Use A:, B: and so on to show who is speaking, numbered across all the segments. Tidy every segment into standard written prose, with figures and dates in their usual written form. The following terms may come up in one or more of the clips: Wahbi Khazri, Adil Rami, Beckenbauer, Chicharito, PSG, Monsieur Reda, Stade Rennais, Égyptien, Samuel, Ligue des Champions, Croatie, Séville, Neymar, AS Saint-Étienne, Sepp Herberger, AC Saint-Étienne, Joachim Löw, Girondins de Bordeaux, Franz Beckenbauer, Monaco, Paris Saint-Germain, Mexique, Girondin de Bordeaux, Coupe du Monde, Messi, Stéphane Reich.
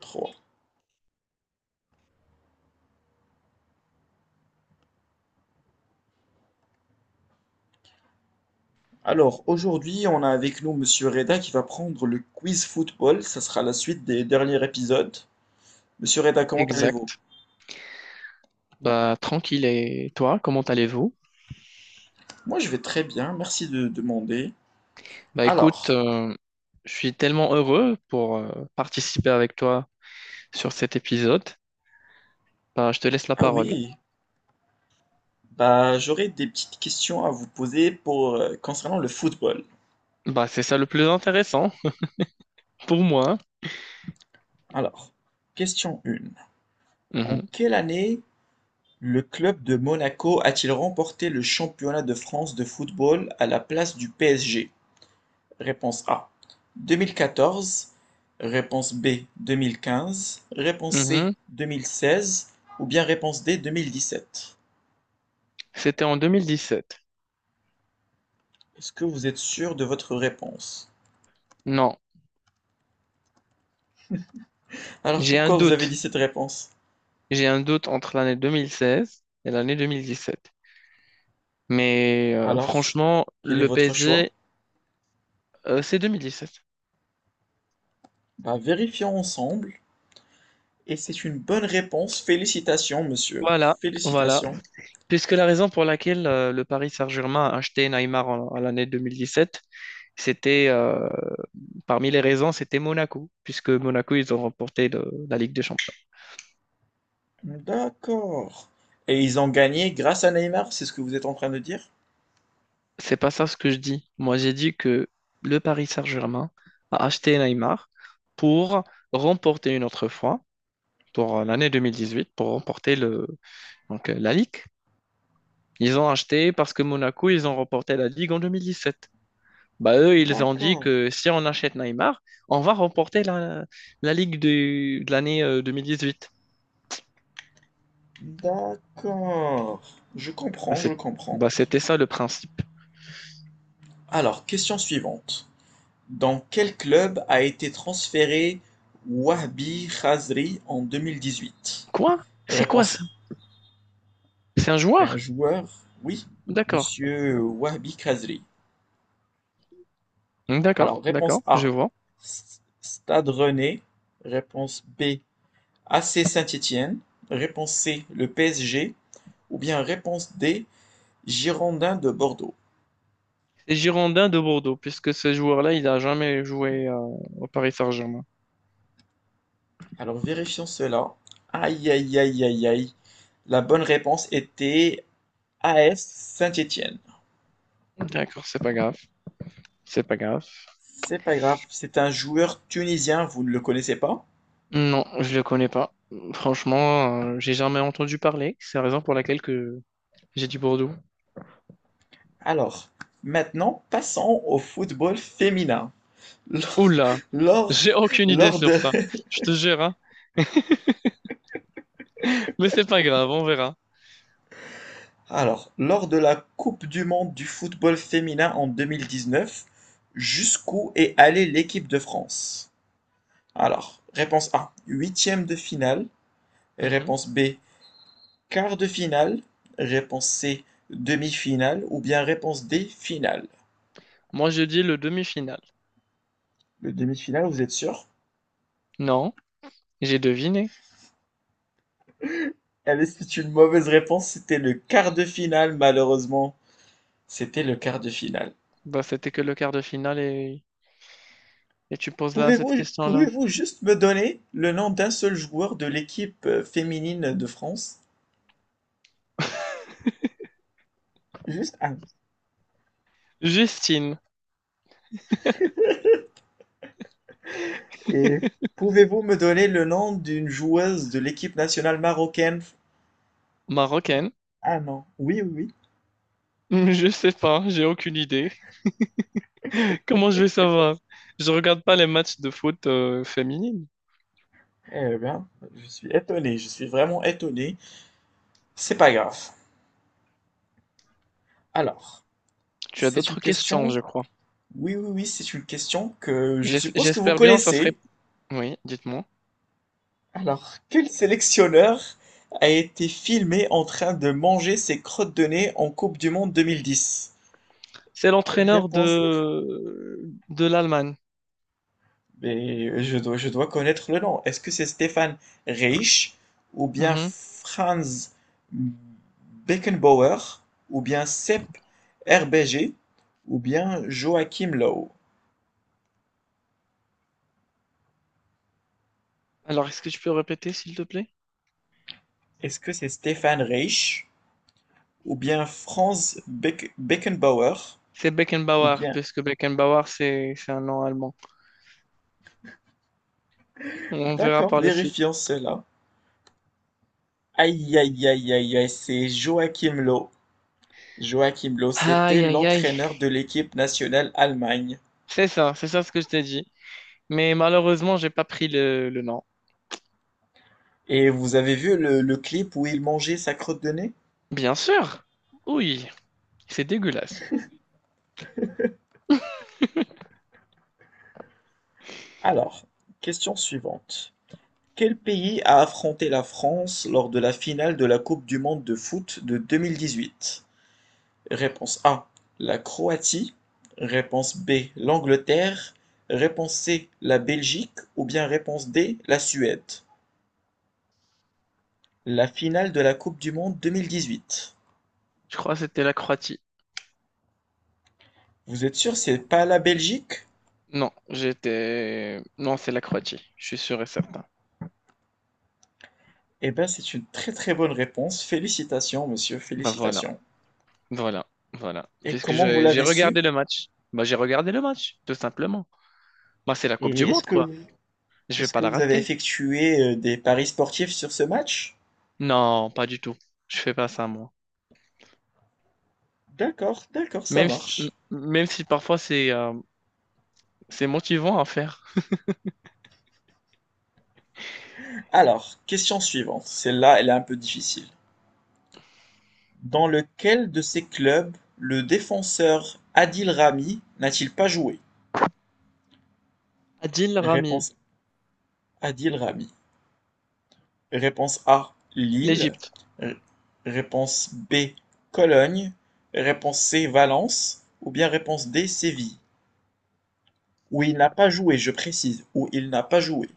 A: Trois. Alors aujourd'hui, on a avec nous Monsieur Reda qui va prendre le quiz football. Ça sera la suite des derniers épisodes. Monsieur Reda, comment allez-vous?
B: Exact. Bah, tranquille. Et toi, comment allez-vous?
A: Moi, je vais très bien. Merci de demander.
B: Bah, écoute,
A: Alors,
B: je suis tellement heureux pour participer avec toi sur cet épisode. Bah, je te laisse la
A: ah
B: parole.
A: oui, bah j'aurais des petites questions à vous poser pour concernant le football.
B: Bah, c'est ça le plus intéressant pour moi.
A: Alors, question 1. En
B: Mhm.
A: quelle année le club de Monaco a-t-il remporté le championnat de France de football à la place du PSG? Réponse A 2014, réponse B 2015, réponse C
B: Mhm.
A: 2016 ou bien réponse D 2017.
B: C'était en 2017.
A: Est-ce que vous êtes sûr de votre réponse?
B: Non,
A: Alors
B: j'ai un
A: pourquoi vous avez
B: doute.
A: dit cette réponse?
B: J'ai un doute entre l'année 2016 et l'année 2017. Mais
A: Alors,
B: franchement,
A: quel est
B: le
A: votre choix?
B: PSG, c'est 2017.
A: Bah vérifions ensemble et c'est une bonne réponse. Félicitations monsieur,
B: Voilà, voilà.
A: félicitations.
B: Puisque la raison pour laquelle le Paris Saint-Germain a acheté Neymar à l'année 2017, c'était, parmi les raisons, c'était Monaco, puisque Monaco, ils ont remporté la Ligue des Champions.
A: D'accord. Et ils ont gagné grâce à Neymar, c'est ce que vous êtes en train de dire?
B: C'est pas ça ce que je dis. Moi, j'ai dit que le Paris Saint-Germain a acheté Neymar pour remporter une autre fois, pour l'année 2018, pour remporter donc, la Ligue. Ils ont acheté parce que Monaco, ils ont remporté la Ligue en 2017. Bah eux, ils ont dit
A: D'accord.
B: que si on achète Neymar, on va remporter la Ligue de l'année 2018.
A: D'accord. Je
B: Bah,
A: comprends, je comprends.
B: bah, c'était ça le principe.
A: Alors, question suivante. Dans quel club a été transféré Wahbi Khazri en 2018?
B: Quoi? C'est quoi ça?
A: Réponse.
B: C'est un
A: C'est un
B: joueur?
A: joueur, oui,
B: D'accord.
A: Monsieur Wahbi Khazri. Alors,
B: D'accord, d'accord,
A: réponse
B: je
A: A,
B: vois.
A: Stade Rennais. Réponse B, AC Saint-Étienne. Réponse C, le PSG. Ou bien réponse D, Girondins de Bordeaux.
B: C'est Girondin de Bordeaux, puisque ce joueur-là, il n'a jamais joué au Paris Saint-Germain.
A: Alors vérifions cela. Aïe, aïe, aïe, aïe, aïe. La bonne réponse était AS Saint-Étienne.
B: D'accord, c'est pas grave. C'est pas grave.
A: C'est pas grave, c'est un joueur tunisien, vous ne le connaissez pas.
B: Non, je le connais pas. Franchement, j'ai jamais entendu parler. C'est la raison pour laquelle que j'ai dit Bordeaux.
A: Alors, maintenant, passons au football féminin.
B: Oula,
A: Lors,
B: j'ai aucune idée
A: lors,
B: sur
A: de,
B: ça. Je te jure, hein. Mais c'est pas grave, on verra.
A: Lors de la Coupe du monde du football féminin en 2019, jusqu'où est allée l'équipe de France? Alors, réponse A, huitième de finale.
B: Mhm.
A: Réponse B, quart de finale, réponse C, demi-finale, ou bien réponse D, finale.
B: Moi, je dis le demi-finale.
A: Le demi-finale, vous êtes sûr?
B: Non, j'ai deviné.
A: Allez, c'est une mauvaise réponse, c'était le quart de finale, malheureusement. C'était le quart de finale.
B: Bah, c'était que le quart de finale et tu poses là cette
A: Pouvez-vous,
B: question-là.
A: pouvez-vous juste me donner le nom d'un seul joueur de l'équipe féminine de France? Juste un.
B: Justine,
A: Et pouvez-vous me donner le nom d'une joueuse de l'équipe nationale marocaine?
B: marocaine.
A: Ah non, oui, oui, oui.
B: Je sais pas, j'ai aucune idée. Comment je vais savoir? Je regarde pas les matchs de foot féminine.
A: Eh bien, je suis étonné, je suis vraiment étonné. C'est pas grave. Alors.
B: Tu as
A: C'est une
B: d'autres questions,
A: question,
B: je crois.
A: oui, oui, oui, c'est une question que je suppose que vous
B: J'espère bien, ça serait...
A: connaissez.
B: Oui, dites-moi.
A: Alors, quel sélectionneur a été filmé en train de manger ses crottes de nez en Coupe du Monde 2010?
B: C'est l'entraîneur
A: Réponse.
B: de l'Allemagne.
A: Mais je dois connaître le nom. Est-ce que c'est Stéphane Reich ou bien
B: Mhm.
A: Franz Beckenbauer ou bien Sepp Herberger ou bien Joachim Löw?
B: Alors, est-ce que tu peux répéter, s'il te plaît?
A: Est-ce que c'est Stéphane Reich, ou bien Franz Beckenbauer,
B: C'est
A: ou
B: Beckenbauer,
A: bien...
B: puisque Beckenbauer, c'est un nom allemand. On verra
A: D'accord,
B: par la suite.
A: vérifions cela. Aïe, aïe, aïe, aïe, aïe, c'est Joachim Löw. Joachim Löw, c'était
B: Aïe, aïe, aïe.
A: l'entraîneur de l'équipe nationale Allemagne.
B: C'est ça ce que je t'ai dit. Mais malheureusement, j'ai pas pris le nom.
A: Et vous avez vu le clip où il mangeait sa crotte de nez?
B: Bien sûr. Oui, c'est dégueulasse.
A: Alors, question suivante. Quel pays a affronté la France lors de la finale de la Coupe du monde de foot de 2018? Réponse A, la Croatie. Réponse B, l'Angleterre. Réponse C, la Belgique. Ou bien réponse D, la Suède. La finale de la Coupe du Monde 2018.
B: Je crois que c'était la Croatie.
A: Vous êtes sûr, c'est pas la Belgique?
B: Non, j'étais... Non, c'est la Croatie. Je suis sûr et certain.
A: Eh bien, c'est une très très bonne réponse. Félicitations, monsieur,
B: Bah voilà,
A: félicitations.
B: voilà, voilà.
A: Et
B: Puisque
A: comment vous
B: j'ai
A: l'avez su?
B: regardé le match. Bah j'ai regardé le match, tout simplement. Moi, c'est la Coupe du
A: Et est-ce
B: Monde,
A: que
B: quoi. Je vais
A: est-ce
B: pas
A: que
B: la
A: vous avez
B: rater.
A: effectué des paris sportifs sur ce match?
B: Non, pas du tout. Je fais pas ça, moi.
A: D'accord, d'accord, ça
B: Même si,
A: marche.
B: même si parfois c'est motivant à faire.
A: Alors, question suivante. Celle-là, elle est un peu difficile. Dans lequel de ces clubs le défenseur Adil Rami n'a-t-il pas joué?
B: Adil Rami,
A: Réponse Adil Rami. Réponse A, Lille.
B: l'Égypte.
A: R- Réponse B, Cologne. Réponse C, Valence. Ou bien réponse D, Séville. Où il n'a pas joué, je précise. Où il n'a pas joué.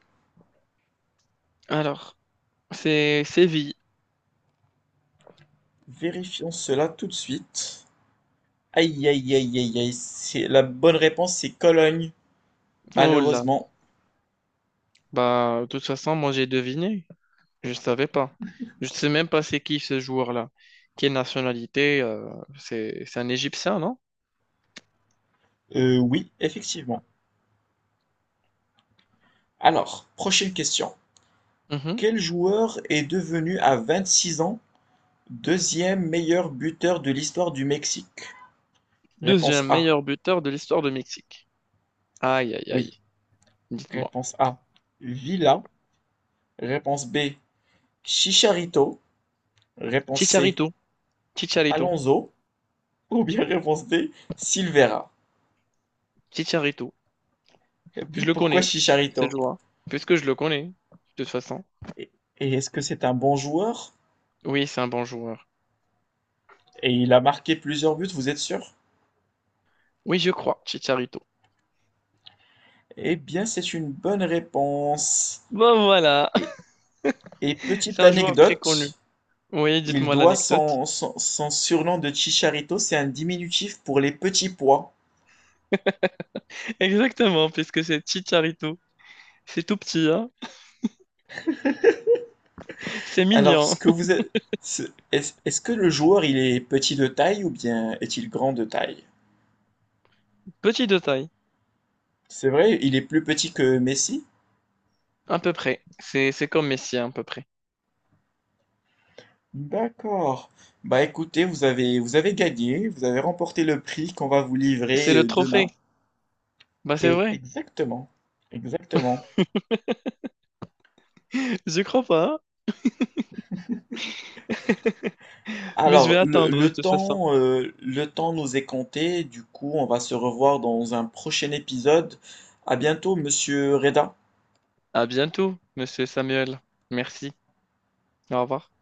B: Alors, c'est Séville.
A: Vérifions cela tout de suite. Aïe, aïe, aïe, aïe, aïe. C'est, la bonne réponse, c'est Cologne.
B: Oh là.
A: Malheureusement.
B: Bah, de toute façon, moi, j'ai deviné. Je savais pas. Je sais même pas c'est qui ce joueur-là. Quelle nationalité c'est un Égyptien, non?
A: Oui, effectivement. Alors, prochaine question.
B: Mhm.
A: Quel joueur est devenu à 26 ans deuxième meilleur buteur de l'histoire du Mexique? Réponse
B: Deuxième
A: A,
B: meilleur buteur de l'histoire de Mexique. Aïe, aïe,
A: oui.
B: aïe. Dites-moi.
A: Réponse A, Villa. Réponse B, Chicharito. Réponse C,
B: Chicharito. Chicharito.
A: Alonso. Ou bien réponse D, Silvera.
B: Chicharito.
A: Et puis,
B: Je le
A: pourquoi
B: connais, ce
A: Chicharito?
B: joueur. Puisque je le connais, de toute façon.
A: Et et est-ce que c'est un bon joueur?
B: Oui, c'est un bon joueur.
A: Et il a marqué plusieurs buts, vous êtes sûr?
B: Oui, je crois, Chicharito.
A: Eh bien, c'est une bonne réponse.
B: Bon, voilà.
A: Et, et
B: C'est
A: petite
B: un joueur très connu.
A: anecdote,
B: Oui,
A: il
B: dites-moi
A: doit
B: l'anecdote.
A: son surnom de Chicharito, c'est un diminutif pour les petits pois.
B: Exactement, puisque c'est Chicharito. C'est tout petit, hein. C'est
A: Alors, ce
B: mignon.
A: que vous êtes- ce- est-ce que le joueur, il est petit de taille ou bien est-il grand de taille?
B: Petit de taille.
A: C'est vrai, il est plus petit que Messi?
B: À peu près. C'est comme Messi, à peu près.
A: D'accord. Bah écoutez, vous avez gagné, vous avez remporté le prix qu'on va vous
B: C'est
A: livrer
B: le trophée.
A: demain.
B: Bah, c'est vrai.
A: Exactement, exactement.
B: Je crois pas, hein. Mais je
A: Alors,
B: vais attendre, de toute façon.
A: le temps nous est compté, du coup, on va se revoir dans un prochain épisode. À bientôt, monsieur Reda.
B: À bientôt, monsieur Samuel. Merci. Au revoir.